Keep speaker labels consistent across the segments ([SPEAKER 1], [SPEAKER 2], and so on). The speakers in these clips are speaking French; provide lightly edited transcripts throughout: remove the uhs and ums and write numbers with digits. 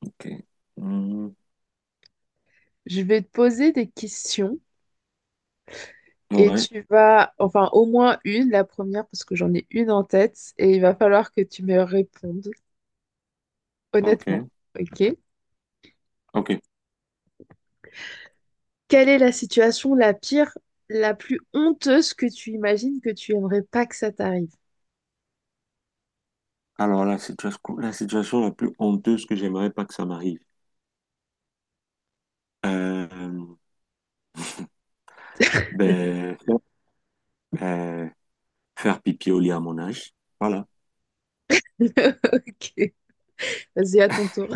[SPEAKER 1] Ok. Hmm.
[SPEAKER 2] Je vais te poser des questions et
[SPEAKER 1] Ouais,
[SPEAKER 2] tu vas, enfin au moins une, la première, parce que j'en ai une en tête et il va falloir que tu me répondes
[SPEAKER 1] ok,
[SPEAKER 2] honnêtement. Ok?
[SPEAKER 1] ok.
[SPEAKER 2] Quelle est la situation la pire, la plus honteuse que tu imagines que tu aimerais pas que ça t'arrive?
[SPEAKER 1] Alors, la situation, la plus honteuse que j'aimerais pas que ça m'arrive. Euh, ben, euh, Faire pipi au lit à mon âge. Voilà,
[SPEAKER 2] Ok, vas-y, à ton tour.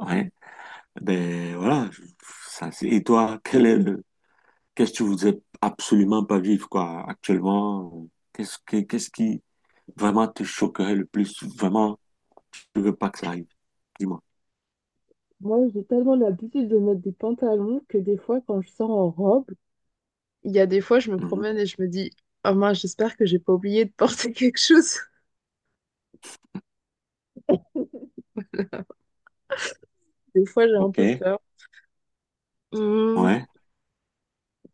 [SPEAKER 1] ouais. Ben, voilà. je- et toi, qu'est-ce que tu voudrais absolument pas vivre, quoi, actuellement? Qu'est-ce qui vraiment te choquerait le plus? Vraiment, tu veux pas que ça arrive. Dis-moi.
[SPEAKER 2] Moi, j'ai tellement l'habitude de mettre des pantalons que des fois, quand je sors en robe, il y a des fois, je me
[SPEAKER 1] Mhm.
[SPEAKER 2] promène et je me dis, oh mince, j'espère que j'ai pas oublié de porter quelque chose. Des fois, j'ai un
[SPEAKER 1] Ok.
[SPEAKER 2] peu peur. Hmm,
[SPEAKER 1] Ouais,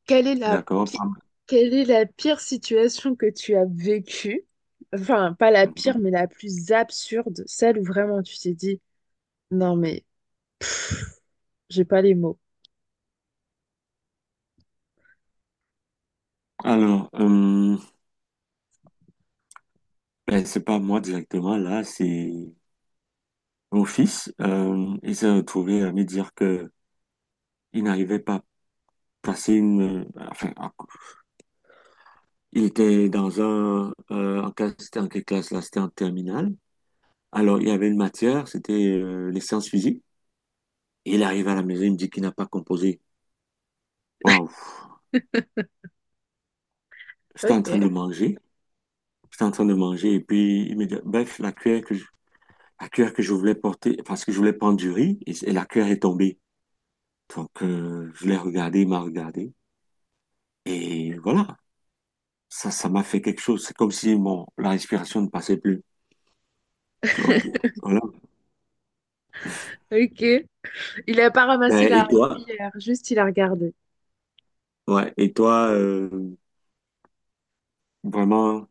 [SPEAKER 2] Quelle est la
[SPEAKER 1] d'accord.
[SPEAKER 2] pi-
[SPEAKER 1] Pas mal.
[SPEAKER 2] Quelle est la pire situation que tu as vécue? Enfin, pas la pire,
[SPEAKER 1] Mhm.
[SPEAKER 2] mais la plus absurde, celle où vraiment tu t'es dit, non mais j'ai pas les mots.
[SPEAKER 1] Alors, euh, c'est pas moi directement, là, c'est mon fils. Il s'est retrouvé à me dire que il n'arrivait pas à passer Enfin, à- il était dans un, en classe, c'était en quelle classe là? C'était en terminale. Alors, il y avait une matière, c'était les sciences physiques. Et il arrive à la maison, il me dit qu'il n'a pas composé. Waouh! J'étais en train de
[SPEAKER 2] Ok,
[SPEAKER 1] manger. J'étais en train de manger et puis il me dit, bref, la cuillère que je voulais porter, parce que je voulais prendre du riz, et la cuillère est tombée. Donc, je l'ai regardé, il m'a regardé. Et voilà, ça m'a fait quelque chose. C'est comme si la respiration ne passait plus. Donc, voilà.
[SPEAKER 2] ok. Il a pas ramassé
[SPEAKER 1] Ben,
[SPEAKER 2] la
[SPEAKER 1] et toi?
[SPEAKER 2] cuillère, juste il a regardé.
[SPEAKER 1] Ouais, et toi, vraiment,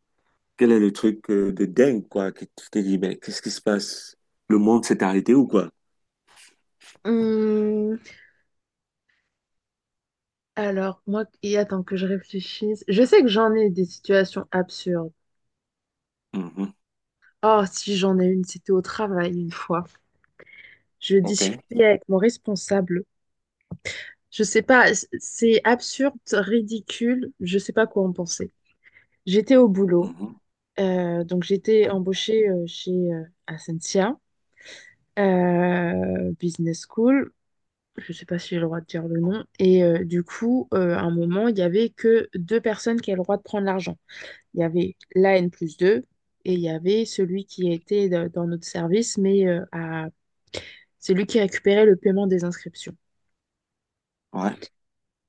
[SPEAKER 1] quel est le truc de dingue, quoi, que tu t'es dit, ben, qu'est-ce qui se passe? Le monde s'est arrêté ou quoi?
[SPEAKER 2] Hum, alors, moi, et attends que je réfléchisse. Je sais que j'en ai des situations absurdes.
[SPEAKER 1] Mhm.
[SPEAKER 2] Oh, si j'en ai une, c'était au travail une fois. Je
[SPEAKER 1] OK.
[SPEAKER 2] discutais avec mon responsable. Je sais pas, c'est absurde, ridicule, je sais pas quoi en penser. J'étais au boulot,
[SPEAKER 1] Mhm.
[SPEAKER 2] donc j'étais embauchée chez Essentia Business School. Je sais pas si j'ai le droit de dire le nom. Et du coup, à un moment, il y avait que deux personnes qui avaient le droit de prendre l'argent. Il y avait la N plus 2 et il y avait celui qui était dans notre service, mais celui qui récupérait le paiement des inscriptions.
[SPEAKER 1] Ouais.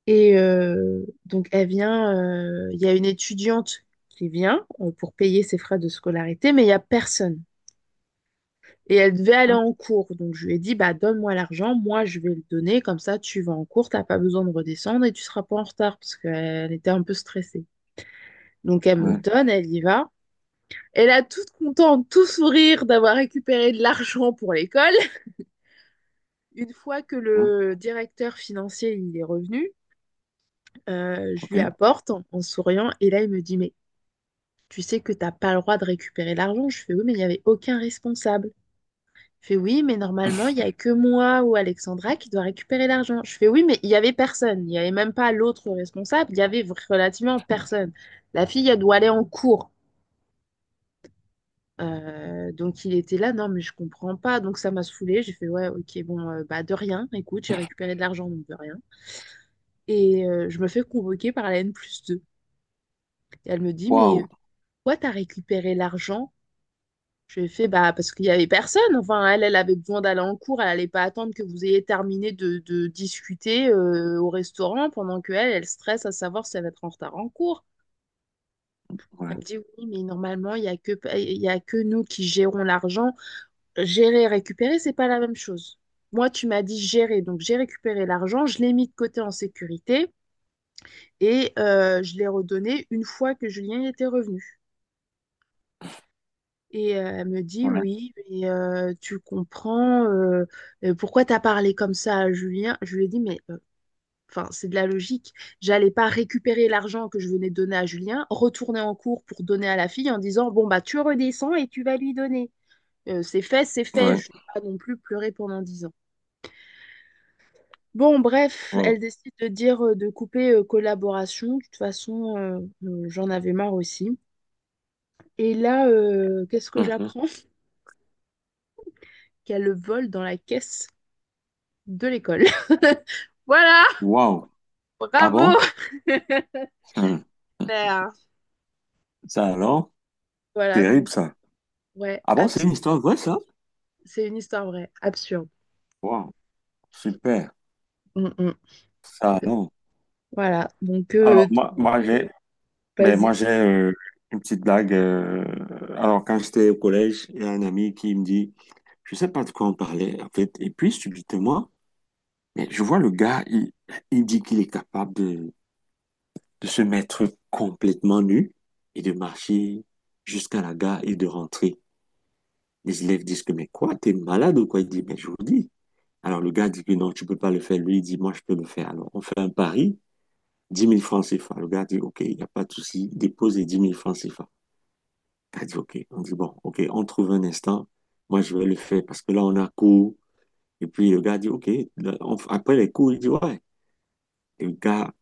[SPEAKER 2] Et donc, elle vient, il y a une étudiante qui vient pour payer ses frais de scolarité, mais il n'y a personne. Et elle devait aller
[SPEAKER 1] Ouais.
[SPEAKER 2] en cours. Donc, je lui ai dit, bah, donne-moi l'argent, moi, je vais le donner, comme ça, tu vas en cours, t'as pas besoin de redescendre et tu seras pas en retard, parce qu'elle était un peu stressée. Donc, elle me le
[SPEAKER 1] Ouais.
[SPEAKER 2] donne, elle y va. Elle a toute contente, tout sourire d'avoir récupéré de l'argent pour l'école. Une fois que
[SPEAKER 1] Ouais.
[SPEAKER 2] le directeur financier il est revenu, je
[SPEAKER 1] OK.
[SPEAKER 2] lui apporte en souriant et là il me dit mais tu sais que t'as pas le droit de récupérer l'argent. Je fais oui, mais il n'y avait aucun responsable. Je fais oui, mais normalement, il n'y a que moi ou Alexandra qui doit récupérer l'argent. Je fais oui, mais il n'y avait personne. Il n'y avait même pas l'autre responsable. Il y avait relativement personne. La fille, elle doit aller en cours. Donc il était là, non, mais je comprends pas. Donc ça m'a saoulée. J'ai fait ouais, ok, bon, bah de rien. Écoute, j'ai récupéré de l'argent, donc de rien. Et je me fais convoquer par la N plus deux. Et elle me dit,
[SPEAKER 1] Waouh.
[SPEAKER 2] pourquoi t'as récupéré l'argent. Je lui ai fait, bah, parce qu'il n'y avait personne. Enfin, elle, elle avait besoin d'aller en cours. Elle n'allait pas attendre que vous ayez terminé de discuter au restaurant pendant que elle, elle stresse à savoir si elle va être en retard en cours. Elle
[SPEAKER 1] Ouais.
[SPEAKER 2] me dit, oui, mais normalement, il y a que nous qui gérons l'argent. Gérer et récupérer, c'est pas la même chose. Moi, tu m'as dit gérer. Donc, j'ai récupéré l'argent. Je l'ai mis de côté en sécurité et je l'ai redonné une fois que Julien y était revenu. Et euh, elle me dit,
[SPEAKER 1] Ouais.
[SPEAKER 2] oui, mais euh, tu comprends pourquoi t'as parlé comme ça à Julien. Je lui ai dit, mais enfin, c'est de la logique. J'allais pas récupérer l'argent que je venais de donner à Julien, retourner en cours pour donner à la fille en disant, bon, bah, tu redescends et tu vas lui donner. C'est fait, c'est fait.
[SPEAKER 1] Ouais.
[SPEAKER 2] Je vais pas non plus pleurer pendant dix ans. Bon, bref, elle
[SPEAKER 1] Wow.
[SPEAKER 2] décide de dire de couper collaboration. De toute façon, j'en avais marre aussi. Et là, qu'est-ce que
[SPEAKER 1] Mhm.
[SPEAKER 2] j'apprends? Qu'elle le vole dans la caisse de l'école. Voilà,
[SPEAKER 1] Waouh. Ah
[SPEAKER 2] bravo.
[SPEAKER 1] bon? Hum.
[SPEAKER 2] Super.
[SPEAKER 1] Ça alors?
[SPEAKER 2] Voilà, donc
[SPEAKER 1] Terrible, ça.
[SPEAKER 2] ouais,
[SPEAKER 1] Ah bon, c'est
[SPEAKER 2] abs-
[SPEAKER 1] une histoire vraie, ça?
[SPEAKER 2] c'est une histoire vraie, absurde.
[SPEAKER 1] Waouh. Super.
[SPEAKER 2] Mm, mm.
[SPEAKER 1] Ça alors?
[SPEAKER 2] Voilà, donc
[SPEAKER 1] Alors,
[SPEAKER 2] euh,
[SPEAKER 1] moi, moi j'ai Moi,
[SPEAKER 2] vas-y.
[SPEAKER 1] j'ai une petite blague. Alors, quand j'étais au collège, il y a un ami qui me dit, je sais pas de quoi on parlait, en fait. Et puis, subitement, je vois il dit qu'il est capable de, se mettre complètement nu et de marcher jusqu'à la gare et de rentrer. Les élèves disent que, mais quoi, t'es malade ou quoi? Il dit, mais je vous dis. Alors, le gars dit que non, tu peux pas le faire. Lui, il dit, moi, je peux le faire. Alors, on fait un pari. 10 000 francs CFA. Le gars dit, OK, il n'y a pas de souci, dépose les 10 000 francs CFA. Elle dit, OK, on dit, bon, OK, on trouve un instant. Moi, je vais le faire parce que là, on a cours. Et puis, le gars dit, OK, là, après les cours, il dit, ouais. Et le gars,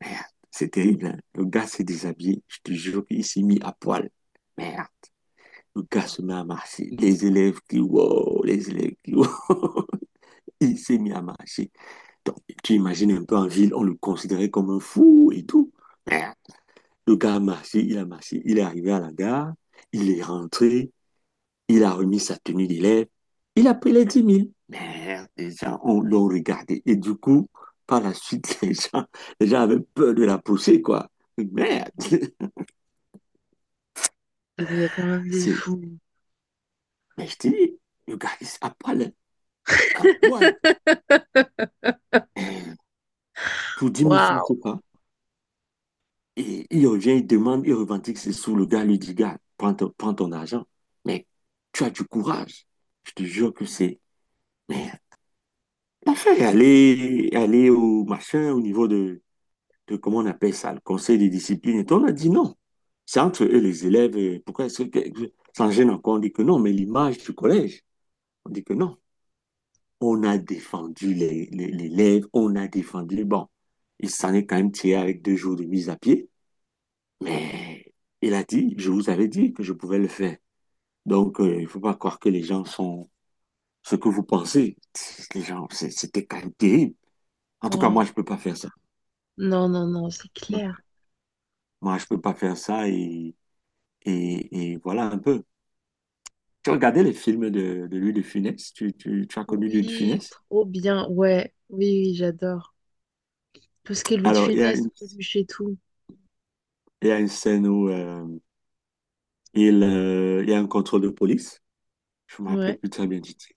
[SPEAKER 1] merde, c'est terrible, hein. Le gars s'est déshabillé. Je te jure qu'il s'est mis à poil. Merde. Le gars se met à marcher. Les élèves qui, wow, les élèves qui, wow. Il s'est mis à marcher. Donc, tu imagines un peu en ville, on le considérait comme un fou et tout. Merde. Le gars a marché, il est arrivé à la gare, il est rentré. Il a remis sa tenue d'élève. Il a pris les 10 000. Merde, les gens l'ont regardé. Et du coup, par la suite, les gens avaient peur de la pousser, quoi. Merde.
[SPEAKER 2] Mais il y a quand même des
[SPEAKER 1] C'est,
[SPEAKER 2] fous.
[SPEAKER 1] mais Je te dis, le gars, il est à poil, hein, à poil. Euh, pour 10 000 francs,
[SPEAKER 2] Waouh.
[SPEAKER 1] c'est pas. Et il revient, il demande, il revendique ses sous. Le gars lui dit, gars, prends ton argent. Mais tu as du courage. Je te jure que c'est, merde. Enfin, aller au machin, au niveau de comment on appelle ça, le conseil de discipline. Et on a dit non. C'est entre eux, les élèves. Pourquoi ça gêne encore? On dit que non, mais l'image du collège, on dit que non. On a défendu l'élève, on a défendu. Bon, il s'en est quand même tiré avec 2 jours de mise à pied, mais il a dit, je vous avais dit que je pouvais le faire. Donc, il ne faut pas croire que les gens sont ce que vous pensez. Les gens, c'était quand même terrible. En tout cas,
[SPEAKER 2] Waouh.
[SPEAKER 1] moi, je ne peux pas faire ça.
[SPEAKER 2] Non, non, non, c'est clair.
[SPEAKER 1] Moi, je ne peux pas faire ça et voilà un peu. Tu regardais les films de Louis de Funès? Tu as connu Louis de
[SPEAKER 2] Oui,
[SPEAKER 1] Funès?
[SPEAKER 2] trop bien. Ouais, oui, oui, j'adore. Tout ce qui est Louis de
[SPEAKER 1] Alors, il y a
[SPEAKER 2] Funès,
[SPEAKER 1] une,
[SPEAKER 2] Coluche et tout.
[SPEAKER 1] il y a une scène où il y a un contrôle de police. Je me
[SPEAKER 2] Ouais.
[SPEAKER 1] rappelle plus très bien du titre.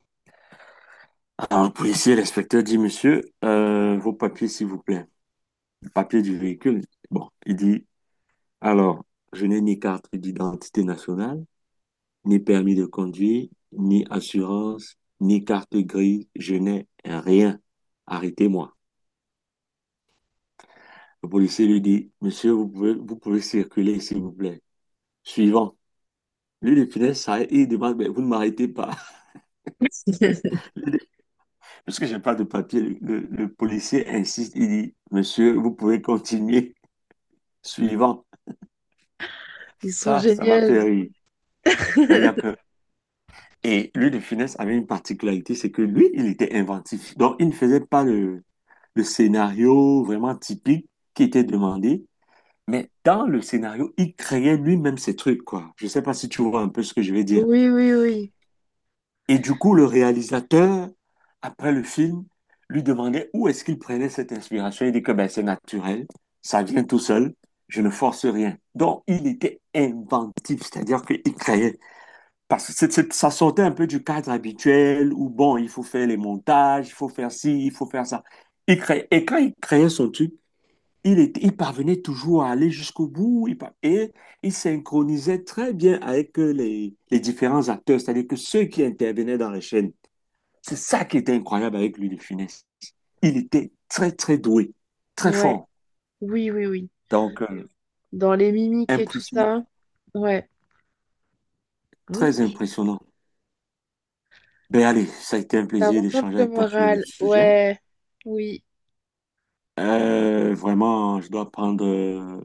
[SPEAKER 1] Alors, le policier, l'inspecteur dit, Monsieur, vos papiers, s'il vous plaît. Les papiers du véhicule. Bon, il dit, alors, je n'ai ni carte d'identité nationale, ni permis de conduire, ni assurance, ni carte grise. Je n'ai rien. Arrêtez-moi. Le policier lui dit, Monsieur, vous pouvez circuler, s'il vous plaît. Suivant. Lui, les punaises s'arrête et il demande, mais vous ne m'arrêtez pas. Parce que j'ai pas de papier. Le policier insiste, il dit, monsieur, vous pouvez continuer. Suivant.
[SPEAKER 2] Ils sont
[SPEAKER 1] Ça m'a
[SPEAKER 2] géniaux.
[SPEAKER 1] fait rire. D'ailleurs que, et lui, de Funès avait une particularité, c'est que lui, il était inventif. Donc, il ne faisait pas le scénario vraiment typique qui était demandé, mais dans le scénario, il créait lui-même ses trucs, quoi. Je sais pas si tu vois un peu ce que je vais dire.
[SPEAKER 2] Oui, oui, oui.
[SPEAKER 1] Et du coup, le réalisateur, après le film, lui demandait où est-ce qu'il prenait cette inspiration. Il dit que ben, c'est naturel, ça vient tout seul, je ne force rien. Donc, il était inventif, c'est-à-dire qu'il créait. Parce que ça sortait un peu du cadre habituel où, bon, il faut faire les montages, il faut faire ci, il faut faire ça. Il créait. Et quand il créait son truc, il parvenait toujours à aller jusqu'au bout. Il par- Et Il synchronisait très bien avec les différents acteurs, c'est-à-dire que ceux qui intervenaient dans les chaînes. C'est ça qui était incroyable avec lui, de Funès. Il était très doué, très
[SPEAKER 2] Ouais.
[SPEAKER 1] fort.
[SPEAKER 2] Oui, oui, oui.
[SPEAKER 1] Donc,
[SPEAKER 2] Dans les mimiques et tout
[SPEAKER 1] impressionnant,
[SPEAKER 2] ça. Ouais.
[SPEAKER 1] très
[SPEAKER 2] Ok.
[SPEAKER 1] impressionnant. Ben allez, ça a été un
[SPEAKER 2] Ça
[SPEAKER 1] plaisir
[SPEAKER 2] remonte
[SPEAKER 1] d'échanger
[SPEAKER 2] le
[SPEAKER 1] avec toi sur le
[SPEAKER 2] moral.
[SPEAKER 1] sujet.
[SPEAKER 2] Ouais, oui.
[SPEAKER 1] Vraiment, je dois prendre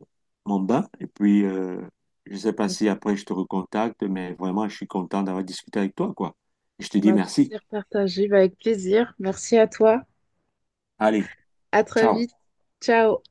[SPEAKER 1] mon bain et puis je ne sais pas si après je te recontacte, mais vraiment, je suis content d'avoir discuté avec toi, quoi. Je te dis
[SPEAKER 2] Ma
[SPEAKER 1] merci.
[SPEAKER 2] plaisir partagé, bah, avec plaisir. Merci à toi.
[SPEAKER 1] Allez,
[SPEAKER 2] À très
[SPEAKER 1] ciao.
[SPEAKER 2] vite. Ciao.